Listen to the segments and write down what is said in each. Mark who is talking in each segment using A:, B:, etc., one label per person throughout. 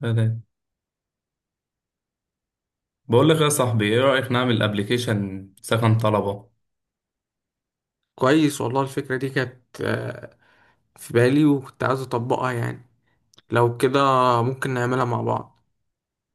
A: تمام. بقول لك يا صاحبي، ايه رأيك نعمل ابلكيشن سكن طلبة؟
B: كويس والله. الفكرة دي كانت في بالي، وكنت عايز أطبقها. يعني لو كده ممكن نعملها مع بعض.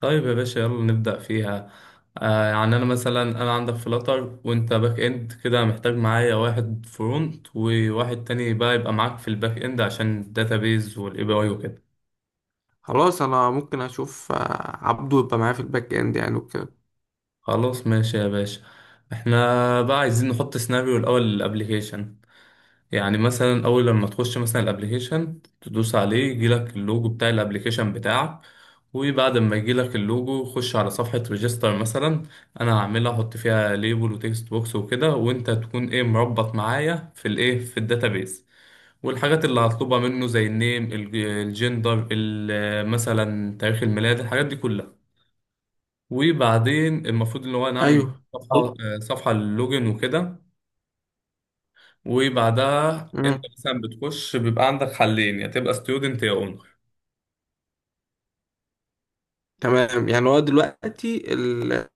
A: طيب يا باشا، يلا نبدأ فيها. يعني انا عندك فلاتر، وانت باك اند كده. محتاج معايا واحد فرونت وواحد تاني بقى، يبقى معاك في الباك اند عشان الداتابيز والاي بي اي وكده.
B: خلاص، أنا ممكن أشوف عبده يبقى معايا في الباك إند يعني وكده.
A: خلاص ماشي يا باشا. احنا بقى عايزين نحط سيناريو الاول للابلكيشن. يعني مثلا اول لما تخش مثلا الابليكيشن تدوس عليه، يجيلك اللوجو بتاع الابليكيشن بتاعك. وبعد ما يجيلك اللوجو، خش على صفحة ريجستر مثلا. انا هعملها، احط فيها ليبل وتكست بوكس وكده، وانت تكون ايه مربط معايا في الايه في الداتابيز. والحاجات اللي هطلبها منه زي النيم، الجندر، مثلا تاريخ الميلاد، الحاجات دي كلها. وبعدين المفروض ان هو نعمل
B: أيوه.
A: صفحة
B: خل-
A: صفحة اللوجن وكده. وبعدها انت
B: مم.
A: مثلا بتخش بيبقى عندك حلين، يا تبقى ستودنت يا اونر.
B: تمام. يعني هو دلوقتي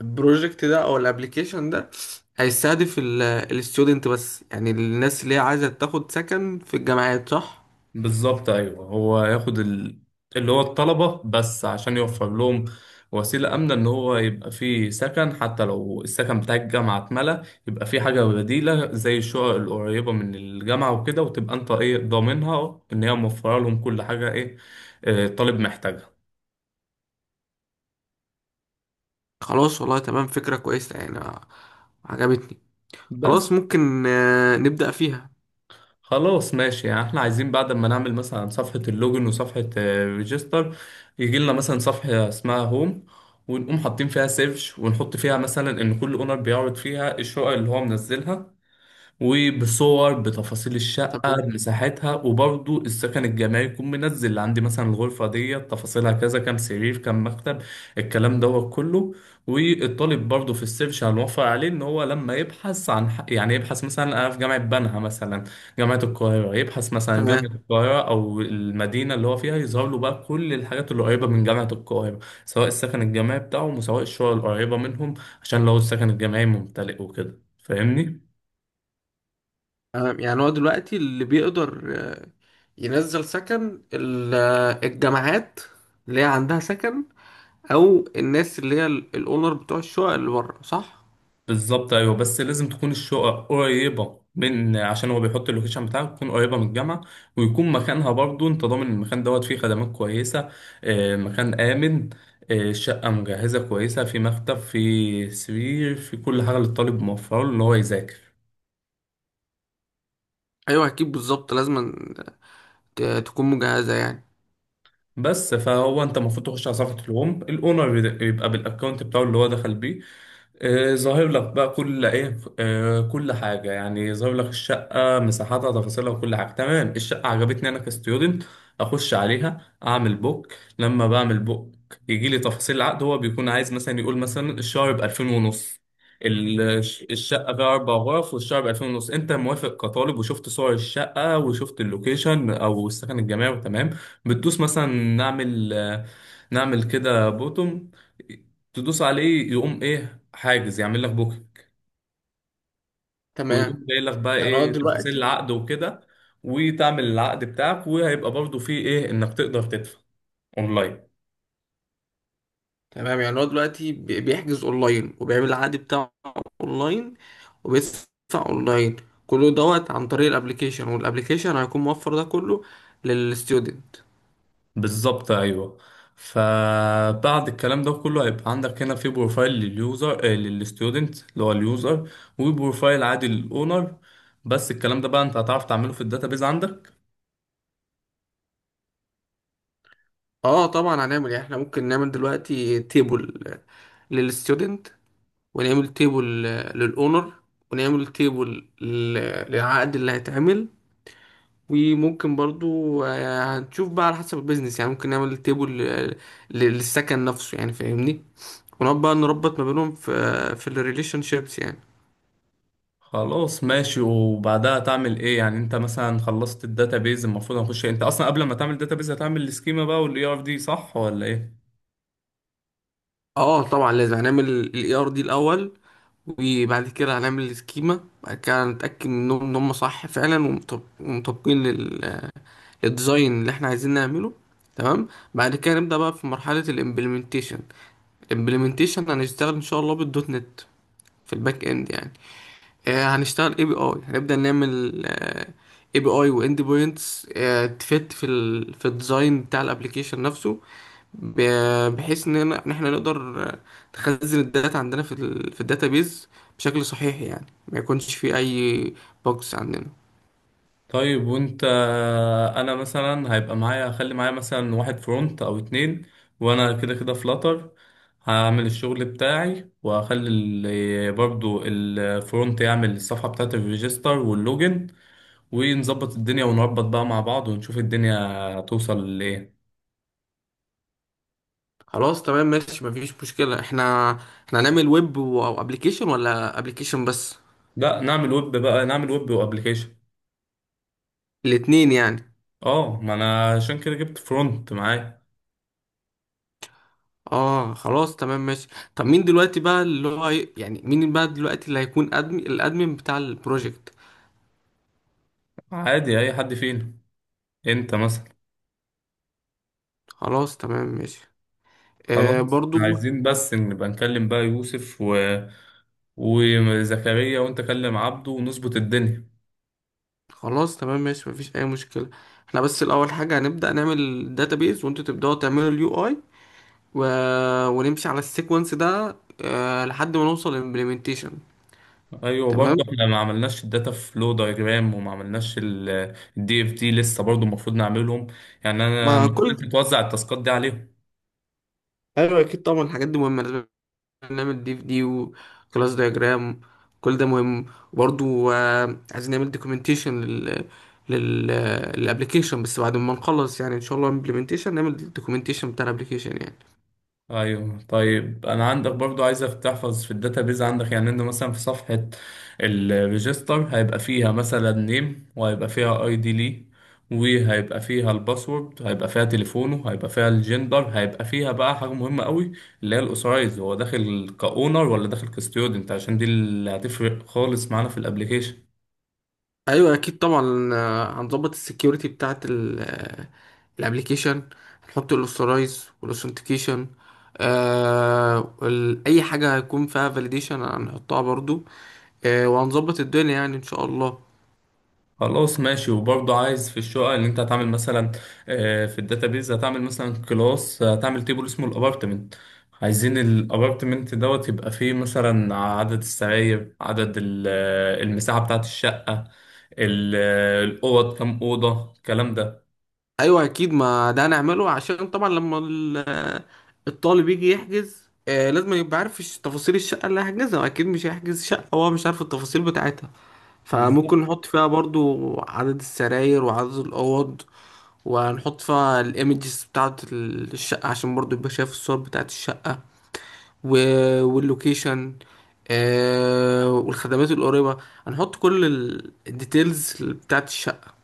B: البروجكت ده او الابليكيشن ده هيستهدف الاستودنت بس، يعني الناس اللي هي عايزه تاخد سكن في الجامعات، صح؟
A: بالظبط، ايوه. هو ياخد اللي هو الطلبة بس، عشان يوفر لهم وسيلة آمنة، إن هو يبقى فيه سكن. حتى لو السكن بتاع الجامعة اتملى، يبقى فيه حاجة بديلة زي الشقق القريبة من الجامعة وكده، وتبقى أنت إيه ضامنها إن هي موفرة لهم كل حاجة إيه الطالب محتاجها.
B: خلاص والله تمام، فكره كويسه يعني عجبتني.
A: بس.
B: خلاص ممكن نبدأ فيها.
A: خلاص ماشي، يعني احنا عايزين بعد ما نعمل مثلا صفحة اللوجن وصفحة ريجستر، يجي لنا مثلا صفحة اسمها هوم، ونقوم حاطين فيها سيرش، ونحط فيها مثلا ان كل اونر بيعرض فيها الشقق اللي هو منزلها. وبصور، بتفاصيل الشقة،
B: تمام،
A: بمساحتها، وبرضو السكن الجماعي يكون منزل. اللي عندي مثلا الغرفة دي تفاصيلها كذا، كام سرير، كام مكتب، الكلام دوت كله. والطالب برضو في السيرش هنوفر عليه ان هو لما يبحث عن يعني يبحث مثلا، انا في جامعة بنها مثلا، جامعة القاهرة، يبحث مثلا جامعة
B: تمام،
A: القاهرة او المدينة اللي هو فيها، يظهر له بقى كل الحاجات اللي قريبة من جامعة القاهرة، سواء السكن الجامعي بتاعهم وسواء الشقق القريبة منهم، عشان لو السكن الجامعي ممتلئ وكده. فاهمني؟
B: تمام. يعني هو دلوقتي اللي بيقدر ينزل سكن الجامعات اللي هي عندها سكن، او الناس اللي هي الاونر بتوع الشقق اللي بره، صح؟
A: بالظبط، ايوه. بس لازم تكون الشقق قريبه، من عشان هو بيحط اللوكيشن بتاعك تكون قريبه من الجامعه، ويكون مكانها برضو انت ضامن المكان دوت فيه خدمات كويسه، مكان امن، شقه مجهزه كويسه، في مكتب، في سرير، في كل حاجه للطالب، موفره له ان هو يذاكر.
B: ايوه اكيد بالظبط، لازم تكون مجهزه يعني.
A: بس فهو انت المفروض تخش على صفحه الهوم الاونر، يبقى بالاكونت بتاعه اللي هو دخل بيه، ظاهر لك بقى كل ايه، كل حاجه، يعني ظاهر لك الشقه، مساحاتها، تفاصيلها، وكل حاجه. تمام، الشقه عجبتني انا كستودنت، اخش عليها اعمل بوك. لما بعمل بوك يجي لي تفاصيل العقد. هو بيكون عايز مثلا يقول مثلا الشهر ب 2000 ونص، ال- الشقه فيها اربع غرف، والشهر ب 2000 ونص، انت موافق كطالب، وشفت صور الشقه وشفت اللوكيشن او السكن الجامعي؟ تمام. بتدوس مثلا، نعمل آه، نعمل كده بوتوم، تدوس عليه يقوم ايه؟ حاجز، يعمل لك بوكينج،
B: تمام،
A: ويقوم جاي لك بقى
B: يعني هو
A: ايه تفاصيل
B: دلوقتي.
A: العقد وكده، وتعمل العقد بتاعك. وهيبقى برضو فيه ايه، انك تقدر تدفع اونلاين.
B: تمام، يعني هو دلوقتي بيحجز اونلاين، وبيعمل العقد بتاعه اونلاين، وبيدفع اونلاين، كله دوت عن طريق الابليكيشن، والابليكيشن هيكون موفر ده كله للستودنت.
A: بالظبط، ايوه. فبعد الكلام ده كله هيبقى عندك هنا في بروفايل لليوزر، آه، للستودنت اللي هو اليوزر، وبروفايل عادي للاونر. بس الكلام ده بقى انت هتعرف تعمله في الداتابيز عندك؟
B: اه طبعا، هنعمل يعني، احنا ممكن نعمل دلوقتي تيبل للستودنت، ونعمل تيبل للاونر، ونعمل تيبل للعقد اللي هيتعمل. وممكن برضو هنشوف بقى على حسب البيزنس يعني، ممكن نعمل تيبل للسكن نفسه يعني، فاهمني؟ ونقعد بقى نربط ما بينهم في الريليشن شيبس يعني.
A: خلاص ماشي. وبعدها تعمل ايه يعني؟ انت مثلا خلصت الداتابيز، المفروض هنخش إيه؟ انت اصلا قبل ما تعمل الداتابيز هتعمل السكيما بقى والاي ار دي، صح ولا ايه؟
B: اه طبعا، لازم هنعمل الاي ار دي الاول، وبعد كده هنعمل السكيما، بعد كده هنتاكد منهم ان هم صح فعلا، ومطابقين للديزاين اللي احنا عايزين نعمله. تمام. بعد كده نبدا بقى في مرحله الامبلمنتيشن. الامبلمنتيشن هنشتغل ان شاء الله بالدوت نت في الباك اند يعني. هنشتغل اي بي اي، هنبدأ نعمل اي بي اي واند بوينتس تفت في الديزاين بتاع الابليكيشن نفسه، بحيث ان احنا نقدر نخزن الداتا عندنا في الداتابيز بشكل صحيح، يعني ما يكونش في اي بوكس عندنا.
A: طيب وانت، انا مثلا هيبقى معايا، هخلي معايا مثلا واحد فرونت او اتنين، وانا كده كده فلاتر، هعمل الشغل بتاعي، وهخلي برضو الفرونت يعمل الصفحة بتاعت الريجستر واللوجن، ونظبط الدنيا، ونربط بقى مع بعض، ونشوف الدنيا توصل لايه.
B: خلاص تمام ماشي، مفيش مشكلة. احنا هنعمل ويب وابليكيشن ولا ابليكيشن بس؟
A: لا، نعمل ويب بقى، نعمل ويب وابليكيشن.
B: الاتنين يعني؟
A: اه، ما انا عشان كده جبت فرونت معايا.
B: اه خلاص تمام ماشي. طب مين دلوقتي بقى اللي هو يعني مين بقى دلوقتي اللي هيكون ادمن، الادمن بتاع البروجكت؟
A: عادي، اي حد فينا، انت مثلا.
B: خلاص تمام ماشي. آه
A: خلاص،
B: برضو.
A: عايزين بس نبقى نكلم بقى يوسف و وزكريا، وانت كلم عبده ونظبط الدنيا.
B: خلاص تمام ماشي، مفيش اي مشكلة. احنا بس الاول حاجة هنبدأ نعمل الداتابيز، وانتوا تبدأوا تعملوا اليو اي، و... ونمشي على السيكونس ده لحد ما نوصل للامبلمنتيشن.
A: ايوه برضه،
B: تمام.
A: احنا ما عملناش الداتا فلو دايجرام، وما عملناش الدي اف دي لسه، برضه المفروض نعملهم. يعني انا
B: ما كل
A: المفروض انت توزع التاسكات دي عليهم.
B: ايوه اكيد طبعا، الحاجات دي مهمة، لازم نعمل دي في دي وكلاس دايجرام، كل ده مهم. برضو عايزين نعمل دوكيومنتيشن لل لل للابلكيشن، بس بعد ما نخلص يعني ان شاء الله امبلمنتيشن نعمل دوكيومنتيشن بتاع الابلكيشن يعني.
A: ايوه. طيب انا عندك برضو، عايزك تحفظ في الداتابيز عندك. يعني انت مثلا في صفحه الريجستر هيبقى فيها مثلا نيم، وهيبقى فيها اي دي ليه، وهيبقى فيها الباسورد، هيبقى فيها تليفونه، هيبقى فيها الجندر، هيبقى فيها بقى حاجه مهمه قوي، اللي هي الاوثرايز، هو داخل كاونر ولا داخل كستيودنت، عشان دي اللي هتفرق خالص معانا في الابليكيشن.
B: ايوه اكيد طبعا، هنظبط السكيورتي بتاعه الابلكيشن، هنحط الاوثرايز والاوثنتيكيشن. اي حاجه هيكون فيها فاليديشن هنحطها برضو. وهنظبط الدنيا يعني ان شاء الله.
A: خلاص ماشي. وبرضه عايز في الشقة اللي انت هتعمل مثلا، في الداتابيز هتعمل مثلا كلاس، هتعمل تيبل اسمه الابارتمنت. عايزين الابارتمنت دوت يبقى فيه مثلا عدد السراير، عدد المساحة بتاعة الشقة، الأوض، كام أوضة، الكلام ده.
B: ايوه اكيد، ما ده هنعمله عشان طبعا لما الطالب يجي يحجز، لازم يبقى عارف تفاصيل الشقه اللي هيحجزها، اكيد مش هيحجز شقه وهو مش عارف التفاصيل بتاعتها. فممكن
A: بالظبط.
B: نحط فيها برضو عدد السراير وعدد الاوض. وهنحط فيها الايمجز بتاعه الشقه، عشان برضو يبقى شايف الصور بتاعه الشقه واللوكيشن، والخدمات القريبه. هنحط كل الديتيلز بتاعه الشقه،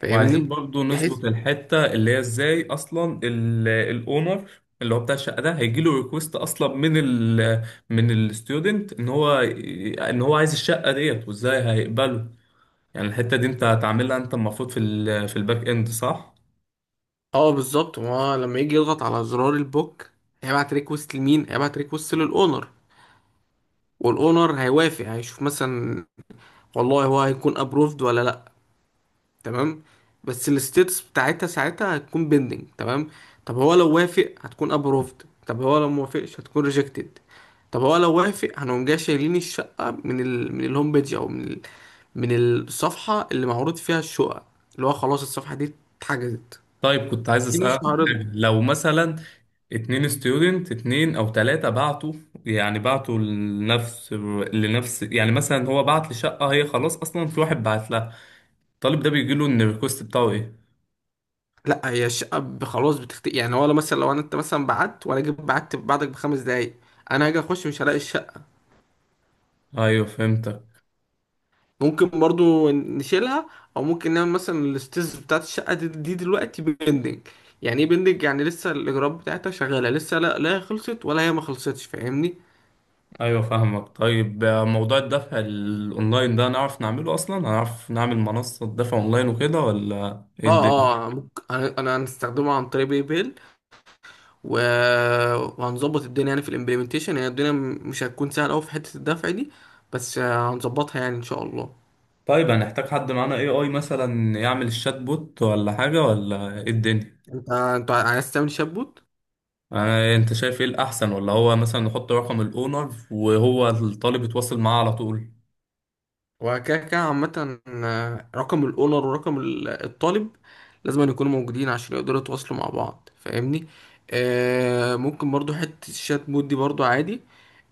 B: فاهمني؟
A: وعايزين برضو
B: بحيث
A: نظبط الحتة اللي هي ازاي اصلا الاونر اللي هو بتاع الشقة ده هيجيله ريكوست اصلا، من من الستودنت، ان هو عايز الشقة ديت، وازاي هيقبله. يعني الحتة دي انت هتعملها، انت المفروض في في الباك اند، صح؟
B: اه بالظبط، ما هو لما يجي يضغط على زرار البوك هيبعت ريكوست لمين؟ هيبعت ريكوست للاونر، والاونر هيوافق، هيشوف مثلا والله هو هيكون ابروفد ولا لا. تمام. بس الستيتس بتاعتها ساعتها هتكون بيندنج. تمام. طب هو لو وافق هتكون ابروفد، طب هو لو موافقش هتكون ريجكتد. طب هو لو وافق هنقوم جاي شايلين الشقة من الهوم بيج، او من الصفحة اللي معروض فيها الشقة، اللي هو خلاص الصفحة دي اتحجزت،
A: طيب، كنت عايز
B: دي
A: اسألك
B: مش
A: عن
B: معرضة.
A: حاجة. لو مثلا اتنين ستودنت، اتنين او تلاتة بعتوا، يعني بعتوا لنفس يعني مثلا هو بعت لشقة هي خلاص اصلا في واحد بعت لها، الطالب ده بيجيله ان الريكوست بتاعه ايه؟
B: لا، هي الشقه خلاص يعني هو لو مثلا، لو انا، انت مثلا بعت وانا جيت بعت بعدك ب5 دقايق، انا هاجي اخش مش هلاقي الشقه.
A: ايوه، فهمتك.
B: ممكن برضو نشيلها، او ممكن نعمل مثلا الاستيز بتاعت الشقه دي، دي دلوقتي بيندنج. يعني ايه بيندنج؟ يعني لسه الاجراءات بتاعتها شغاله، لسه، لا لا، هي خلصت ولا هي ما خلصتش، فاهمني؟
A: ايوه، فاهمك. طيب، موضوع الدفع الاونلاين ده نعرف نعمله اصلا؟ هنعرف نعمل منصة دفع اونلاين وكده ولا ايه
B: اه،
A: الدنيا؟
B: اه ممكن، أنا هنستخدمه عن طريق باي بيل، و... وهنظبط الدنيا يعني في الامبلمنتيشن. يعني الدنيا مش هتكون سهله قوي في حته الدفع دي، بس هنظبطها يعني ان شاء الله.
A: طيب، هنحتاج حد معانا اي مثلا يعمل الشات بوت ولا حاجة ولا ايه الدنيا؟
B: انت عايز تعمل شبوت؟
A: انت شايف ايه الاحسن، ولا هو مثلا نحط رقم الاونر وهو الطالب يتواصل معاه على طول؟
B: وكده كده، عامة رقم الاونر ورقم الطالب لازم أن يكونوا موجودين عشان يقدروا يتواصلوا مع بعض، فاهمني؟ ممكن برضو حتة الشات بوت دي برضو عادي،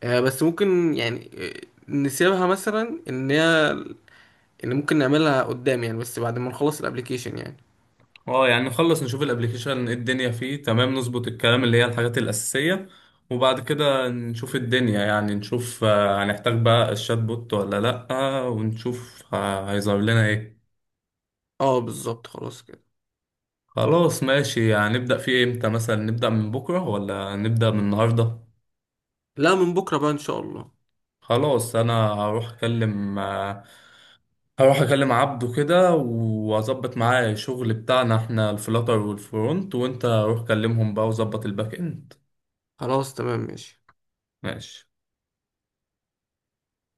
B: بس ممكن يعني، نسيبها مثلا ان ممكن نعملها قدام يعني، بس بعد ما نخلص الابليكيشن يعني.
A: اه، يعني نخلص نشوف الابليكيشن ايه الدنيا فيه، تمام نظبط الكلام اللي هي الحاجات الأساسية، وبعد كده نشوف الدنيا، يعني نشوف هنحتاج بقى الشات بوت ولا لأ، ونشوف هيظهر لنا ايه.
B: اه بالظبط، خلاص كده.
A: خلاص ماشي. يعني نبدأ فيه امتى؟ مثلا نبدأ من بكرة ولا نبدأ من النهاردة؟
B: لا، من بكرة بقى ان شاء الله.
A: خلاص، انا هروح اكلم عبده كده، واظبط معاه الشغل بتاعنا احنا، الفلاتر والفرونت، وانت روح كلمهم بقى، وظبط الباك اند.
B: خلاص تمام ماشي.
A: ماشي.